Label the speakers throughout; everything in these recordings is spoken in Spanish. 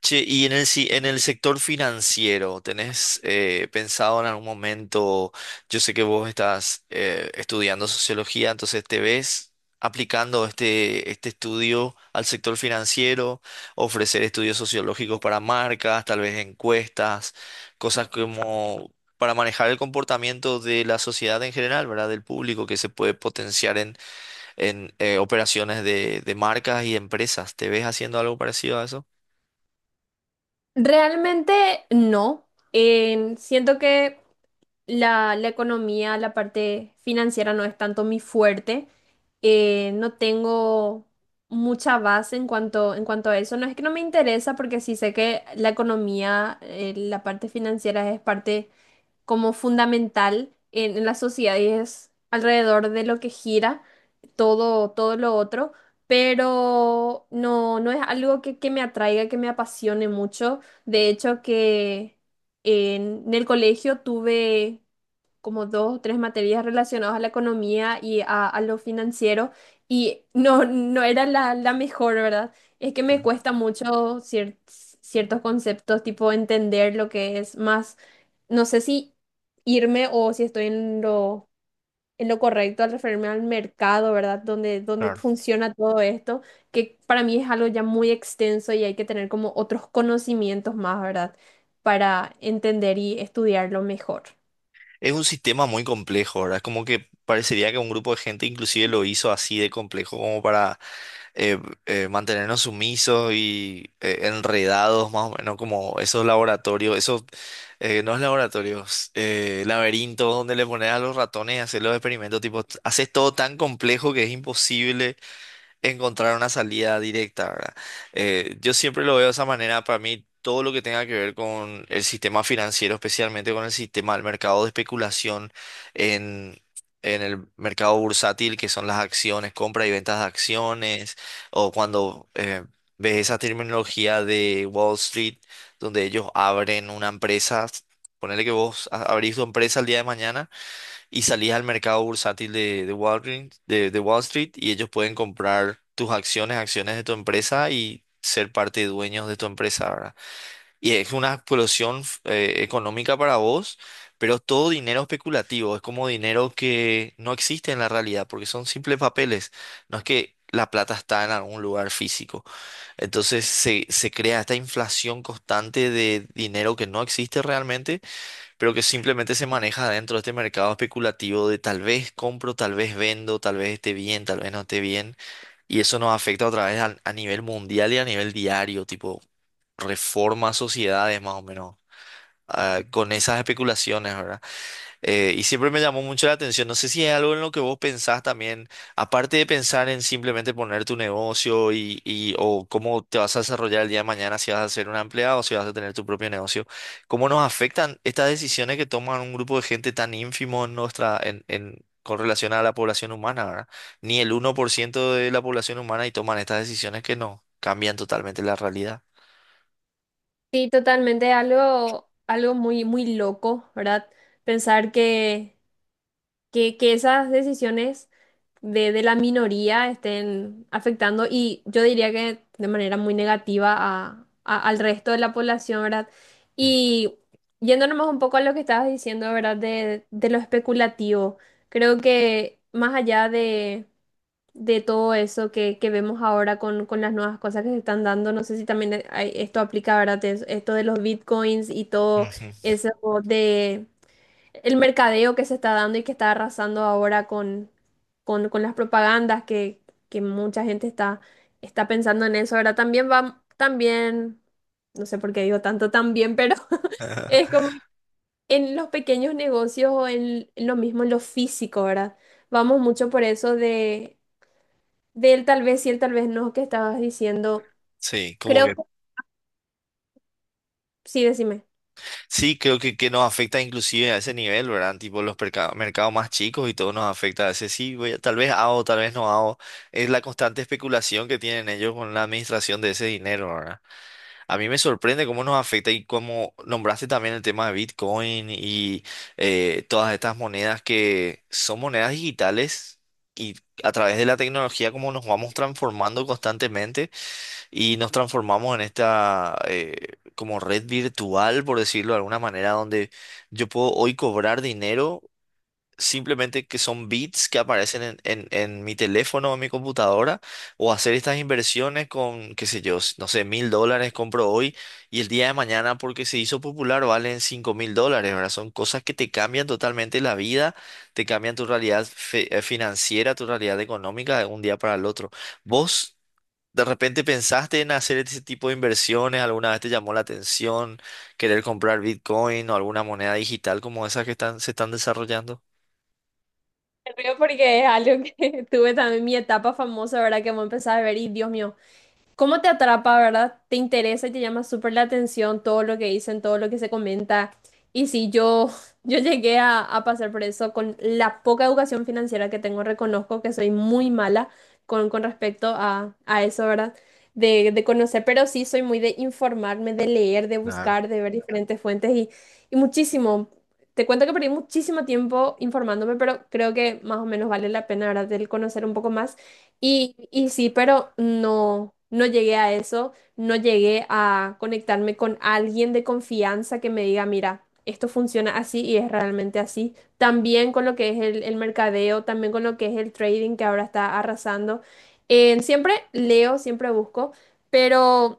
Speaker 1: Che, y en el, en el sector financiero, ¿tenés pensado en algún momento? Yo sé que vos estás estudiando sociología, entonces ¿te ves aplicando este estudio al sector financiero? Ofrecer estudios sociológicos para marcas, tal vez encuestas, cosas como para manejar el comportamiento de la sociedad en general, ¿verdad? Del público que se puede potenciar en operaciones de marcas y empresas. ¿Te ves haciendo algo parecido a eso?
Speaker 2: Realmente no. Siento que la economía, la parte financiera no es tanto mi fuerte. No tengo mucha base en cuanto a eso. No es que no me interesa porque sí sé que la economía, la parte financiera es parte como fundamental en la sociedad y es alrededor de lo que gira todo lo otro, pero no es algo que me atraiga, que me apasione mucho. De hecho, que en el colegio tuve como dos o tres materias relacionadas a la economía y a lo financiero y no era la mejor, ¿verdad? Es que me cuesta mucho ciertos conceptos, tipo entender lo que es más no sé si irme o si estoy en en lo correcto al referirme al mercado, ¿verdad? Donde
Speaker 1: Claro.
Speaker 2: funciona todo esto, que para mí es algo ya muy extenso y hay que tener como otros conocimientos más, ¿verdad? Para entender y estudiarlo mejor.
Speaker 1: Es un sistema muy complejo, ¿verdad? Es como que parecería que un grupo de gente inclusive lo hizo así de complejo como para eh, mantenernos sumisos y enredados más o menos como esos laboratorios, esos, no es laboratorios, laberintos donde le pones a los ratones y hacer los experimentos, tipo, haces todo tan complejo que es imposible encontrar una salida directa, ¿verdad? Yo siempre lo veo de esa manera. Para mí, todo lo que tenga que ver con el sistema financiero, especialmente con el sistema del mercado de especulación en, en el mercado bursátil, que son las acciones, compra y ventas de acciones, o cuando ves esa terminología de Wall Street, donde ellos abren una empresa. Ponele que vos abrís tu empresa el día de mañana y salís al mercado bursátil de de Wall Street y ellos pueden comprar tus acciones, acciones de tu empresa y ser parte de dueños de tu empresa, ¿verdad? Y es una explosión económica para vos, pero es todo dinero especulativo, es como dinero que no existe en la realidad porque son simples papeles, no es que la plata está en algún lugar físico. Entonces se crea esta inflación constante de dinero que no existe realmente pero que simplemente se maneja dentro de este mercado especulativo de tal vez compro, tal vez vendo, tal vez esté bien, tal vez no esté bien. Y eso nos afecta otra vez a nivel mundial y a nivel diario, tipo reforma sociedades más o menos, con esas especulaciones, ¿verdad? Y siempre me llamó mucho la atención. No sé si es algo en lo que vos pensás también, aparte de pensar en simplemente poner tu negocio o cómo te vas a desarrollar el día de mañana, si vas a ser un empleado o si vas a tener tu propio negocio, ¿cómo nos afectan estas decisiones que toman un grupo de gente tan ínfimo en nuestra, con relación a la población humana, ¿verdad? Ni el 1% de la población humana y toman estas decisiones que no cambian totalmente la realidad.
Speaker 2: Sí, totalmente, algo, algo muy, muy loco, ¿verdad? Pensar que esas decisiones de la minoría estén afectando y yo diría que de manera muy negativa a, al resto de la población, ¿verdad?
Speaker 1: Ujú.
Speaker 2: Y yéndonos un poco a lo que estabas diciendo, ¿verdad? De lo especulativo, creo que más allá de todo eso que vemos ahora con las nuevas cosas que se están dando. No sé si también esto aplica, ¿verdad? Esto de los bitcoins y todo eso de el mercadeo que se está dando y que está arrasando ahora con las propagandas que mucha gente está pensando en eso. Ahora también va, también, no sé por qué digo tanto también, pero es como en los pequeños negocios o en lo mismo, en lo físico, ¿verdad? Vamos mucho por eso de él tal vez sí, él tal vez no, que estabas diciendo.
Speaker 1: Sí, como
Speaker 2: Creo
Speaker 1: que
Speaker 2: que sí, decime.
Speaker 1: sí, creo que nos afecta inclusive a ese nivel, ¿verdad? Tipo los mercados más chicos y todo nos afecta a ese sí, tal vez hago, tal vez no hago. Es la constante especulación que tienen ellos con la administración de ese dinero, ¿verdad? A mí me sorprende cómo nos afecta y cómo nombraste también el tema de Bitcoin y todas estas monedas que son monedas digitales y a través de la tecnología cómo nos vamos transformando constantemente y nos transformamos en esta como red virtual, por decirlo de alguna manera, donde yo puedo hoy cobrar dinero simplemente que son bits que aparecen en mi teléfono o en mi computadora, o hacer estas inversiones con, qué sé yo, no sé, $1000 compro hoy y el día de mañana porque se hizo popular valen $5000, ¿verdad? Son cosas que te cambian totalmente la vida, te cambian tu realidad financiera, tu realidad económica de un día para el otro. ¿Vos? ¿De repente pensaste en hacer ese tipo de inversiones? ¿Alguna vez te llamó la atención querer comprar Bitcoin o alguna moneda digital como esas que están, se están desarrollando?
Speaker 2: Me río porque es algo que tuve también mi etapa famosa, ¿verdad? Que vos empezás a ver y Dios mío. ¿Cómo te atrapa, verdad? Te interesa y te llama súper la atención todo lo que dicen, todo lo que se comenta. Y sí, yo, yo llegué a pasar por eso con la poca educación financiera que tengo. Reconozco que soy muy mala con respecto a eso, ¿verdad? De conocer, pero sí soy muy de informarme, de leer, de buscar, de ver diferentes fuentes y muchísimo. Te cuento que perdí muchísimo tiempo informándome, pero creo que más o menos vale la pena, ¿verdad? El conocer un poco más. Y sí, pero no llegué a eso, no llegué a conectarme con alguien de confianza que me diga, mira, esto funciona así y es realmente así. También con lo que es el mercadeo, también con lo que es el trading que ahora está arrasando. Siempre leo, siempre busco, pero...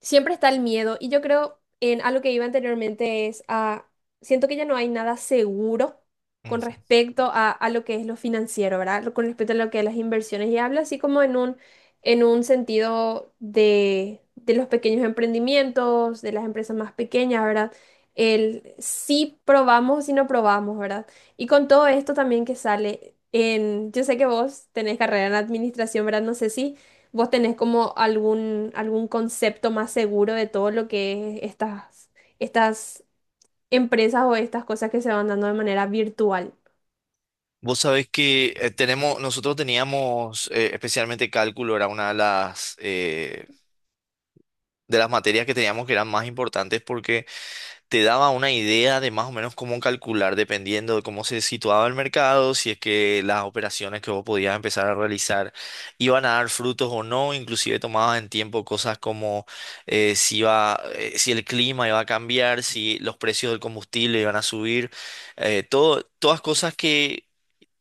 Speaker 2: Siempre está el miedo y yo creo en algo que iba anteriormente es a, siento que ya no hay nada seguro con
Speaker 1: Ujú.
Speaker 2: respecto a lo que es lo financiero, ¿verdad? Con respecto a lo que es las inversiones y hablo así como en un sentido de los pequeños emprendimientos, de las empresas más pequeñas, ¿verdad? El si probamos, si no probamos, ¿verdad? Y con todo esto también que sale en, yo sé que vos tenés carrera en administración, ¿verdad? No sé si... ¿Vos tenés como algún, algún concepto más seguro de todo lo que es estas, estas empresas o estas cosas que se van dando de manera virtual?
Speaker 1: Vos sabés que tenemos, nosotros teníamos especialmente cálculo, era una de las materias que teníamos que eran más importantes porque te daba una idea de más o menos cómo calcular dependiendo de cómo se situaba el mercado, si es que las operaciones que vos podías empezar a realizar iban a dar frutos o no, inclusive tomabas en tiempo cosas como si iba, si el clima iba a cambiar, si los precios del combustible iban a subir, todas cosas que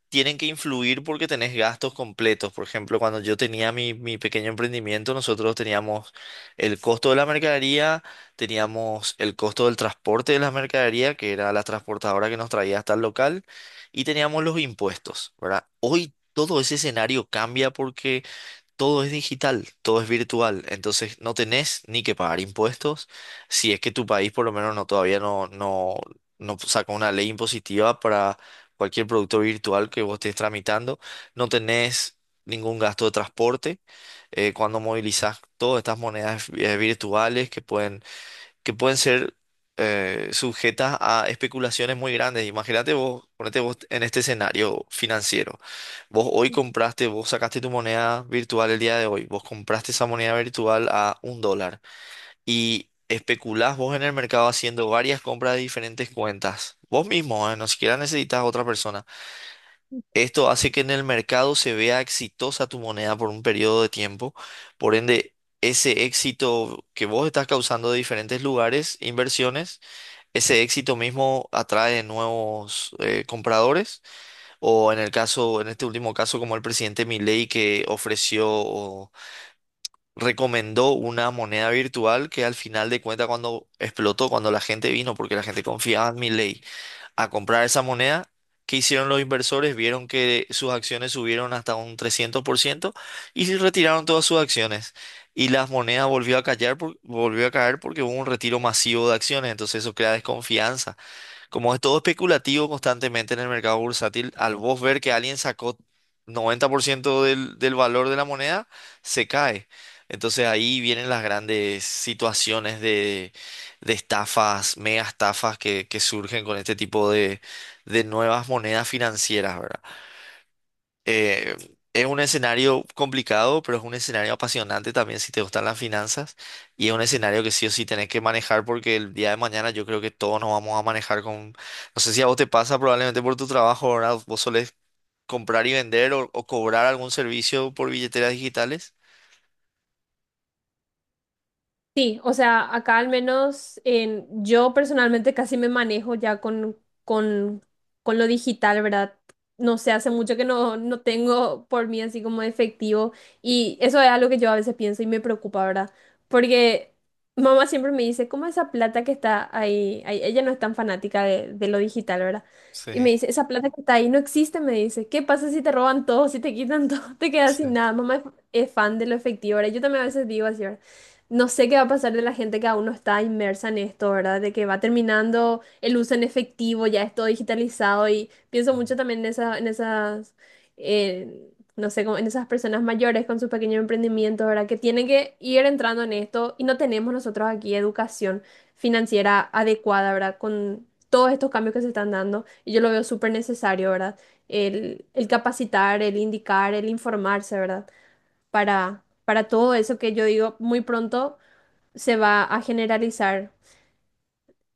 Speaker 1: tienen que influir porque tenés gastos completos. Por ejemplo, cuando yo tenía mi pequeño emprendimiento, nosotros teníamos el costo de la mercadería, teníamos el costo del transporte de la mercadería, que era la transportadora que nos traía hasta el local, y teníamos los impuestos, ¿verdad? Hoy todo ese escenario cambia porque todo es digital, todo es virtual, entonces no tenés ni que pagar impuestos, si es que tu país por lo menos no todavía no saca una ley impositiva para cualquier producto virtual que vos estés tramitando, no tenés ningún gasto de transporte cuando movilizás todas estas monedas virtuales que pueden ser sujetas a especulaciones muy grandes. Imagínate vos, ponete vos en este escenario financiero. Vos hoy compraste, vos sacaste tu moneda virtual el día de hoy, vos compraste esa moneda virtual a un dólar y especulás vos en el mercado haciendo varias compras de diferentes cuentas. Vos mismo, no siquiera necesitas a otra persona. Esto hace que en el mercado se vea exitosa tu moneda por un periodo de tiempo. Por ende, ese éxito que vos estás causando de diferentes lugares, inversiones, ese éxito mismo atrae nuevos compradores. O en el caso, en este último caso, como el presidente Milei que ofreció o recomendó una moneda virtual que al final de cuentas cuando explotó, cuando la gente vino, porque la gente confiaba en Milei a comprar esa moneda. ¿Qué hicieron los inversores? Vieron que sus acciones subieron hasta un 300% y se retiraron todas sus acciones. Y las monedas volvió a caer porque hubo un retiro masivo de acciones. Entonces eso crea desconfianza. Como es todo especulativo constantemente en el mercado bursátil, al vos ver que alguien sacó 90% del valor de la moneda, se cae. Entonces ahí vienen las grandes situaciones de estafas, mega estafas que surgen con este tipo de nuevas monedas financieras, ¿verdad? Eh, es un escenario complicado, pero es un escenario apasionante también si te gustan las finanzas. Y es un escenario que sí o sí tenés que manejar porque el día de mañana yo creo que todos nos vamos a manejar con... No sé si a vos te pasa probablemente por tu trabajo, ¿verdad? Vos solés comprar y vender o cobrar algún servicio por billeteras digitales.
Speaker 2: Sí, o sea, acá al menos en, yo personalmente casi me manejo ya con, con lo digital, ¿verdad? No sé, hace mucho que no tengo por mí así como efectivo y eso es algo que yo a veces pienso y me preocupa, ¿verdad? Porque mamá siempre me dice, ¿cómo esa plata que está ahí? Ella no es tan fanática de lo digital, ¿verdad? Y me
Speaker 1: Sí,
Speaker 2: dice, esa plata que está ahí no existe, me dice, ¿qué pasa si te roban todo, si te quitan todo, te quedas
Speaker 1: sí.
Speaker 2: sin nada? Mamá es fan de lo efectivo, ¿verdad? Yo también a veces digo así, ¿verdad? No sé qué va a pasar de la gente que aún no está inmersa en esto, ¿verdad? De que va terminando el uso en efectivo, ya es todo digitalizado y pienso
Speaker 1: Mm.
Speaker 2: mucho también en esa, en esas, no sé, como en esas personas mayores con sus pequeños emprendimientos, ¿verdad? Que tienen que ir entrando en esto y no tenemos nosotros aquí educación financiera adecuada, ¿verdad? Con todos estos cambios que se están dando y yo lo veo súper necesario, ¿verdad? El capacitar, el indicar, el informarse, ¿verdad? Para todo eso que yo digo muy pronto se va a generalizar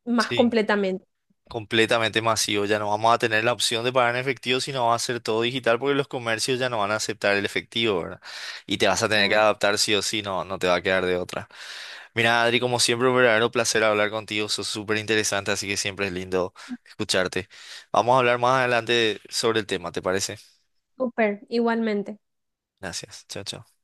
Speaker 2: más
Speaker 1: Sí,
Speaker 2: completamente.
Speaker 1: completamente masivo. Ya no vamos a tener la opción de pagar en efectivo, sino va a ser todo digital porque los comercios ya no van a aceptar el efectivo, ¿verdad? Y te vas a tener que
Speaker 2: Claro.
Speaker 1: adaptar sí o sí, no, no te va a quedar de otra. Mira, Adri, como siempre, un verdadero placer hablar contigo. Sos súper interesante, así que siempre es lindo escucharte. Vamos a hablar más adelante sobre el tema, ¿te parece?
Speaker 2: Súper, igualmente.
Speaker 1: Gracias. Chao, chao.